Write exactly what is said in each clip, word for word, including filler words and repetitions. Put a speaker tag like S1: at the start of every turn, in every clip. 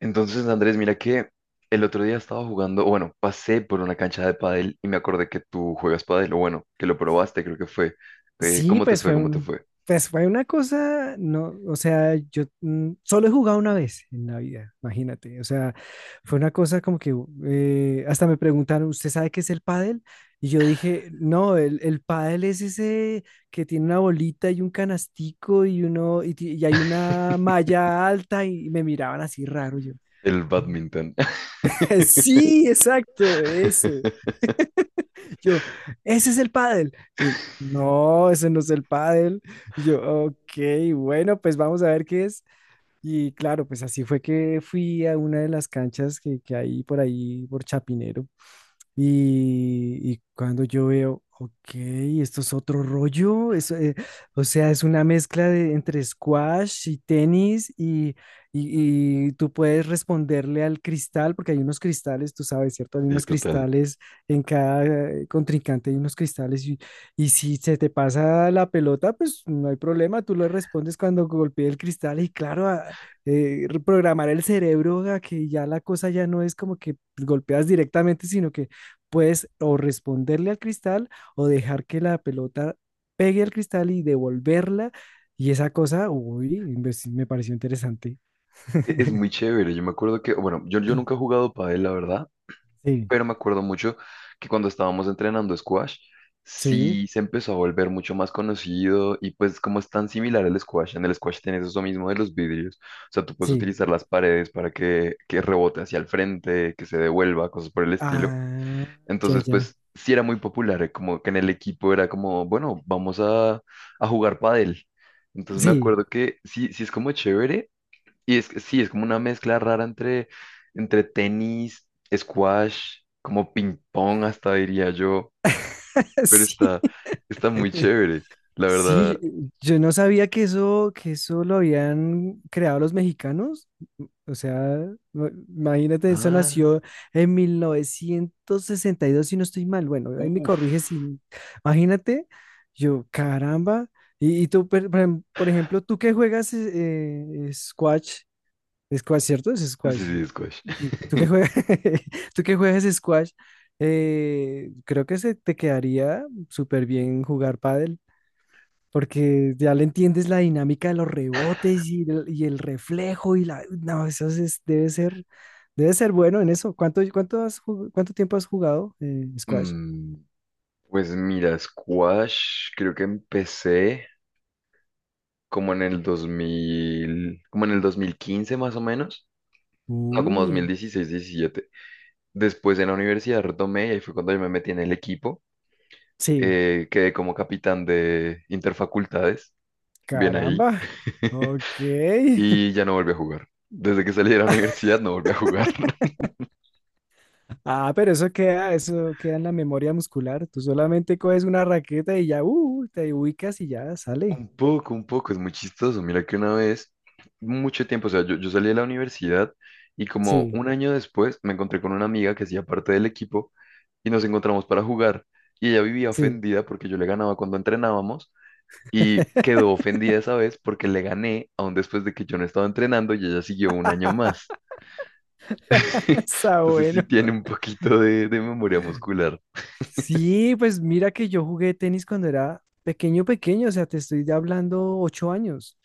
S1: Entonces, Andrés, mira que el otro día estaba jugando, o bueno, pasé por una cancha de pádel y me acordé que tú juegas pádel, o bueno, que lo probaste, creo que fue. Eh,
S2: Sí,
S1: ¿cómo te
S2: pues
S1: fue?
S2: fue
S1: ¿Cómo te
S2: un,
S1: fue?
S2: pues fue una cosa, no, o sea, yo mm, solo he jugado una vez en la vida, imagínate, o sea, fue una cosa como que eh, hasta me preguntaron, ¿usted sabe qué es el pádel? Y yo dije, no, el, el pádel es ese que tiene una bolita y un canastico y uno, y, ti- y hay una malla alta y me miraban así raro yo.
S1: El badminton.
S2: Sí, exacto, ese. Yo, ese es el pádel. Y, no, ese no es el pádel. Y yo, ok, bueno, pues vamos a ver qué es. Y claro, pues así fue que fui a una de las canchas que, que hay por ahí, por Chapinero, y, y cuando yo veo, ok, esto es otro rollo, es, eh, o sea, es una mezcla de, entre squash y tenis y, y- y tú puedes responderle al cristal, porque hay unos cristales, tú sabes, ¿cierto? Hay
S1: Sí,
S2: unos
S1: total.
S2: cristales en cada eh, contrincante, hay unos cristales y, y si se te pasa la pelota, pues no hay problema, tú le respondes cuando golpee el cristal y claro, a- eh, reprogramar el cerebro a que ya la cosa ya no es como que golpeas directamente, sino que puedes o responderle al cristal o dejar que la pelota pegue al cristal y devolverla. Y esa cosa, uy, me me pareció interesante.
S1: E- Es muy chévere. Yo me acuerdo que, bueno, yo, yo nunca he jugado pádel, la verdad,
S2: Sí,
S1: pero me acuerdo mucho que cuando estábamos entrenando squash,
S2: sí,
S1: sí se empezó a volver mucho más conocido y pues como es tan similar al squash, en el squash tienes eso mismo de los vidrios, o sea, tú puedes
S2: sí.
S1: utilizar las paredes para que, que rebote hacia el frente, que se devuelva, cosas por el estilo.
S2: Ah, ya,
S1: Entonces,
S2: ya.
S1: pues sí era muy popular, eh, como que en el equipo era como, bueno, vamos a, a jugar pádel. Entonces me
S2: Sí,
S1: acuerdo que sí, sí es como chévere, y es que sí, es como una mezcla rara entre, entre tenis, squash, como ping pong hasta diría yo, pero
S2: sí.
S1: está, está muy chévere, la
S2: Sí,
S1: verdad.
S2: yo no sabía que eso, que eso lo habían creado los mexicanos. O sea, ma- imagínate, eso
S1: Ah,
S2: nació en mil novecientos sesenta y dos si no estoy mal. Bueno, ahí me corrige
S1: uff,
S2: si. Imagínate, yo, caramba. Y, y tú, per- por ejem- por ejemplo, tú que juegas eh, eh, squash, squash, ¿cierto? Es
S1: sí,
S2: squash.
S1: sí, squash.
S2: Sí, tú que juegas, tú que juegas squash, eh, creo que se te quedaría súper bien jugar pádel porque ya le entiendes la dinámica de los rebotes y el, y el reflejo y la. No, eso es- debe ser, debe ser bueno en eso. ¿Cuánto, cuánto has jug- cuánto tiempo has jugado eh, squash?
S1: Mm, pues mira, squash creo que empecé como en el dos mil, como en el dos mil quince más o menos, no, como
S2: Uy,
S1: dos mil dieciséis, diecisiete. Después en la universidad retomé y ahí fue cuando yo me metí en el equipo,
S2: sí,
S1: eh, quedé como capitán de interfacultades, bien ahí.
S2: caramba. Ok.
S1: Y ya no volví a jugar. Desde que salí de la universidad no volví a jugar.
S2: Ah, pero eso queda, eso queda en la memoria muscular. Tú solamente coges una raqueta y ya, uh, te ubicas y ya sale.
S1: Un poco, un poco, es muy chistoso. Mira que una vez, mucho tiempo, o sea, yo, yo salí de la universidad y como
S2: Sí,
S1: un año después me encontré con una amiga que hacía parte del equipo y nos encontramos para jugar. Y ella vivía
S2: sí.
S1: ofendida porque yo le ganaba cuando entrenábamos y quedó ofendida esa vez porque le gané aún después de que yo no estaba entrenando y ella siguió un año más.
S2: Está
S1: Entonces sí
S2: bueno.
S1: tiene un poquito de, de memoria muscular,
S2: Sí, pues mira que yo jugué tenis cuando era pequeño, pequeño, o sea, te estoy hablando ocho años.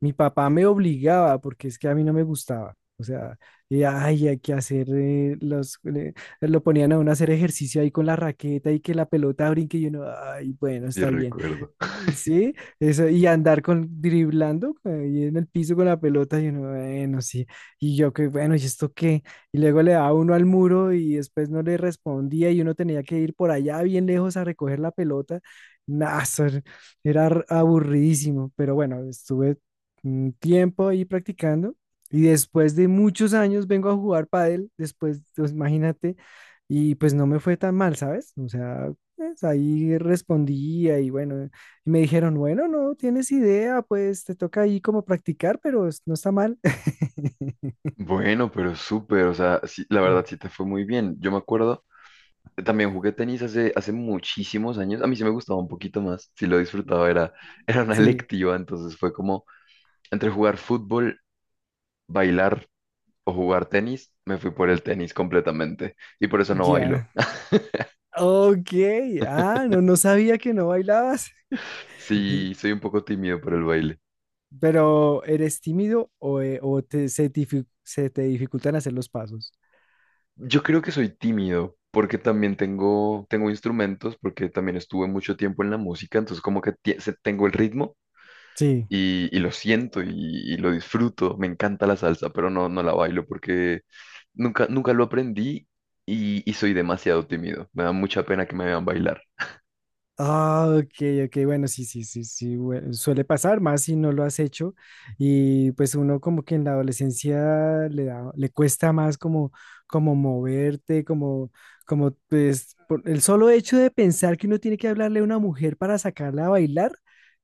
S2: Mi papá me obligaba porque es que a mí no me gustaba. O sea, y, ay, hay que hacer eh, los, eh, lo ponían a uno a hacer ejercicio ahí con la raqueta y que la pelota brinque y uno, ay, bueno,
S1: sí
S2: está bien.
S1: recuerdo.
S2: Sí, eso, y andar con driblando ahí en el piso con la pelota y uno, bueno, sí. Y yo que, bueno, ¿y esto qué? Y luego le daba uno al muro y después no le respondía y uno tenía que ir por allá bien lejos a recoger la pelota. Nah, eso era era ar- aburridísimo, pero bueno, estuve un tiempo ahí practicando y después de muchos años vengo a jugar pádel, después, pues, imagínate, y pues no me fue tan mal, ¿sabes? O sea, pues, ahí respondía y bueno, y me dijeron, bueno, no tienes idea, pues te toca ahí como practicar, pero es- no está mal.
S1: Bueno, pero súper, o sea, sí, la verdad sí te fue muy bien. Yo me acuerdo, eh, también jugué tenis hace, hace muchísimos años. A mí sí me gustaba un poquito más, sí lo disfrutaba, era, era una
S2: Sí.
S1: electiva, entonces fue como entre jugar fútbol, bailar o jugar tenis, me fui por el tenis completamente y por eso no bailo.
S2: Ya. Ok. Ah, no, no sabía que no bailabas.
S1: Sí, soy un poco tímido por el baile.
S2: Pero, ¿eres tímido o, eh, o te, se, dificu- se te dificultan hacer los pasos?
S1: Yo creo que soy tímido porque también tengo, tengo instrumentos, porque también estuve mucho tiempo en la música, entonces como que tie- se- tengo el ritmo
S2: Sí,
S1: y, y lo siento y, y lo disfruto. Me encanta la salsa, pero no, no la bailo porque nunca, nunca lo aprendí y, y soy demasiado tímido. Me da mucha pena que me vean bailar.
S2: ah, ok, ok, bueno, sí, sí, sí, sí, bueno, suele pasar más si no lo has hecho y pues uno como que en la adolescencia le da, le cuesta más como, como moverte, como, como pues por el solo hecho de pensar que uno tiene que hablarle a una mujer para sacarla a bailar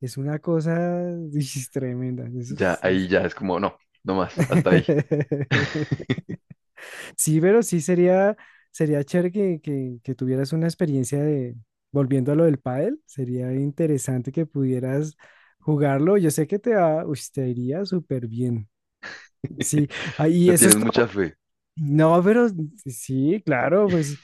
S2: es una cosa uy, es tremenda, eso
S1: Ya,
S2: es...
S1: ahí
S2: es-
S1: ya es como, no, no más, hasta ahí.
S2: Sí, pero sí sería, sería chévere que, que, que tuvieras una experiencia de, volviendo a lo del pádel, sería interesante que pudieras jugarlo. Yo sé que te va, uy, te iría súper bien. Sí, ah, y
S1: No
S2: eso
S1: tienes
S2: es todo.
S1: mucha fe.
S2: No, pero sí, claro, pues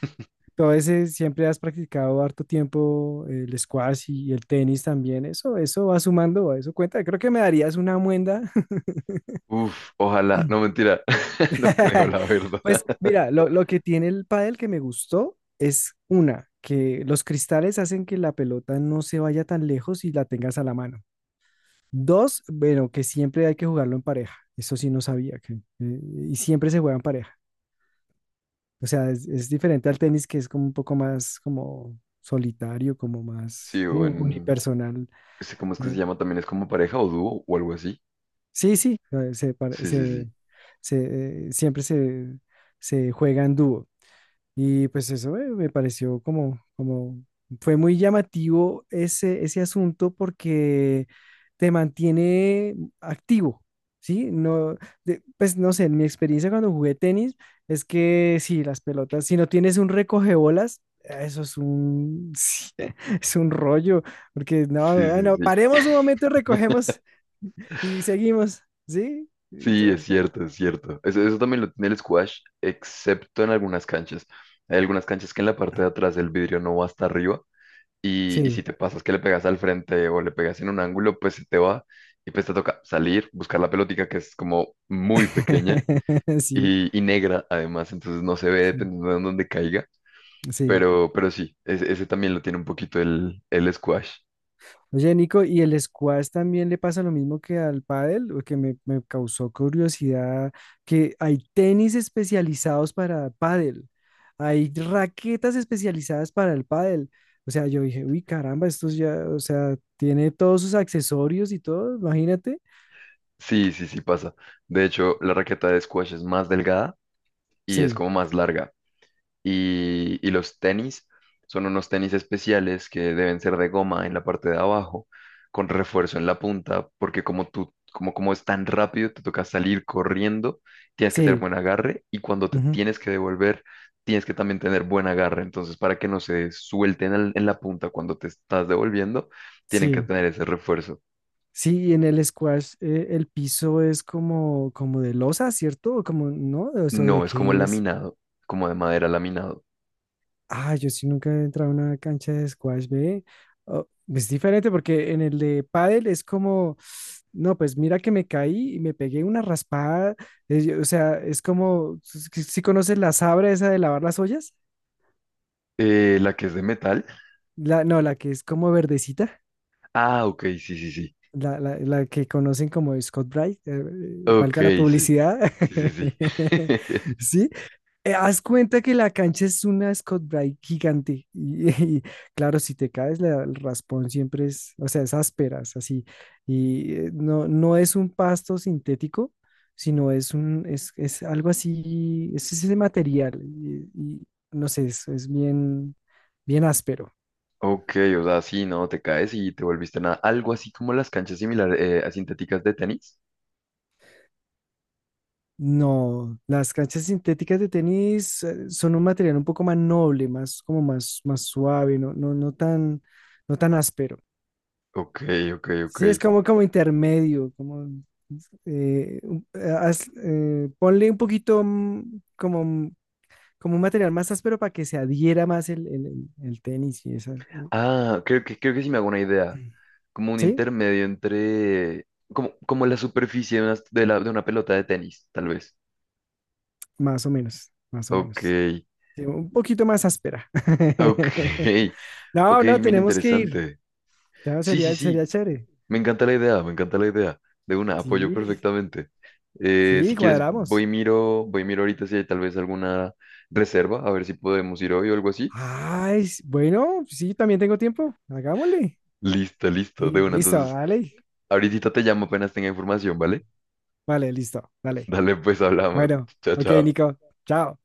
S2: todo ese siempre has practicado harto tiempo el squash y, el tenis también. Eso, eso va sumando, eso cuenta. Creo que me darías una muenda.
S1: Uf, ojalá, no mentira, no creo la verdad.
S2: Pues mira, lo, lo que tiene el pádel que me gustó es una, que los cristales hacen que la pelota no se vaya tan lejos y la tengas a la mano. Dos, bueno, que siempre hay que jugarlo en pareja. Eso sí no sabía que eh, y siempre se juega en pareja. O sea, es, es diferente al tenis que es como un poco más como solitario, como más
S1: Sí,
S2: sí,
S1: bueno.
S2: unipersonal.
S1: Ese, ¿cómo es que se
S2: Eh,
S1: llama? También es como pareja o dúo o algo así.
S2: sí, sí, eh, se, pare-
S1: Sí, sí,
S2: se,
S1: sí.
S2: se, eh, siempre se, se juega en dúo. Y pues eso eh, me pareció como, como, fue muy llamativo ese, ese asunto porque te mantiene activo, ¿sí? No, de- pues no sé, en mi experiencia cuando jugué tenis es que sí, las pelotas, si no tienes un recogebolas, eso es un, sí, es un rollo, porque no,
S1: Sí, sí,
S2: bueno,
S1: sí.
S2: paremos un momento y recogemos y seguimos, ¿sí?
S1: Sí, es
S2: Entonces,
S1: cierto, es cierto. Eso, eso también lo tiene el squash, excepto en algunas canchas. Hay algunas canchas que en la parte de atrás el vidrio no va hasta arriba y, y si
S2: sí,
S1: te pasas que le pegas al frente o le pegas en un ángulo, pues se te va y pues te toca salir, buscar la pelotica que es como muy pequeña
S2: sí,
S1: y, y negra además, entonces no se ve
S2: sí,
S1: dependiendo de dónde caiga.
S2: sí.
S1: Pero, pero sí, ese, ese también lo tiene un poquito el, el squash.
S2: Oye, Nico, ¿y el squash también le pasa lo mismo que al pádel? O que me, me causó curiosidad que hay tenis especializados para pádel, hay raquetas especializadas para el pádel. O sea, yo dije, uy, caramba, esto ya, o sea, tiene todos sus accesorios y todo, imagínate.
S1: Sí, sí, sí pasa. De hecho, la raqueta de squash es más delgada y es
S2: Sí,
S1: como más larga. Y, y los tenis son unos tenis especiales que deben ser de goma en la parte de abajo, con refuerzo en la punta, porque como tú, como, como es tan rápido, te toca salir corriendo, tienes que tener
S2: sí,
S1: buen agarre y cuando te
S2: ujú,
S1: tienes que devolver, tienes que también tener buen agarre. Entonces, para que no se suelten al- en la punta cuando te estás devolviendo, tienen que
S2: sí,
S1: tener ese refuerzo.
S2: sí, y en el squash eh, el piso es como, como de losa, ¿cierto? O como, ¿no? O sea, ¿de
S1: No, es como
S2: qué es?
S1: laminado, como de madera laminado.
S2: Ah, yo sí nunca he entrado a una cancha de squash, ve. Oh, es diferente porque en el de pádel es como, no, pues mira que me caí y me pegué una raspada. Eh, yo- o sea, es como, ¿si conoces la sabra esa de lavar las ollas?
S1: Eh, la que es de metal.
S2: La, no, la que es como verdecita,
S1: Ah, ok, sí, sí, sí.
S2: la, la- la que conocen como Scott Bright, eh, eh,
S1: Ok,
S2: valga la
S1: sí.
S2: publicidad.
S1: Sí, sí, sí.
S2: ¿Sí? Eh, haz cuenta que la cancha es una Scott Bright gigante. Y, y, claro, si te caes, la- el raspón siempre es, o sea, es ásperas, así. Y eh, no, no es un pasto sintético, sino es un, es, es algo así, es ese material. Y, y no sé, es, es bien, bien áspero.
S1: Ok, o sea, sí, no, te caes y te volviste nada. Algo así como las canchas similares, eh, a sintéticas de tenis.
S2: No, las canchas sintéticas de tenis eh, son un material un poco más noble, más, como más, más suave, no, no, no tan, no tan áspero.
S1: Ok, ok, ok.
S2: Sí, es como, como intermedio, como eh, un- eh, haz- eh, ponle un poquito mm, como, un- como un material más áspero para que se adhiera más el, el- el- el tenis y esa. eh,
S1: Ah, creo que, creo que sí me hago una idea. Como un
S2: Sí,
S1: intermedio entre. Como, como la superficie de una, de la- de una pelota de tenis, tal vez.
S2: más o menos, más o
S1: Ok,
S2: menos. Sí, un poquito más áspera.
S1: ok. Ok,
S2: No, no,
S1: bien
S2: tenemos que ir.
S1: interesante.
S2: No,
S1: Sí, sí,
S2: sería,
S1: sí.
S2: sería chévere.
S1: Me encanta la idea, me encanta la idea. De una, apoyo
S2: Sí,
S1: perfectamente. Eh,
S2: sí,
S1: si quieres, voy
S2: cuadramos.
S1: y miro, voy y miro ahorita si hay tal vez alguna reserva, a ver si podemos ir hoy o algo así.
S2: Ay, s- bueno, sí, también tengo tiempo. Hagámosle.
S1: Listo, listo, de
S2: Sí,
S1: una.
S2: listo,
S1: Entonces,
S2: dale.
S1: ahorita te llamo apenas tenga información, ¿vale?
S2: Vale, listo, dale.
S1: Dale, pues hablamos.
S2: Bueno,
S1: Chao,
S2: ok,
S1: chao.
S2: Nico. Chao.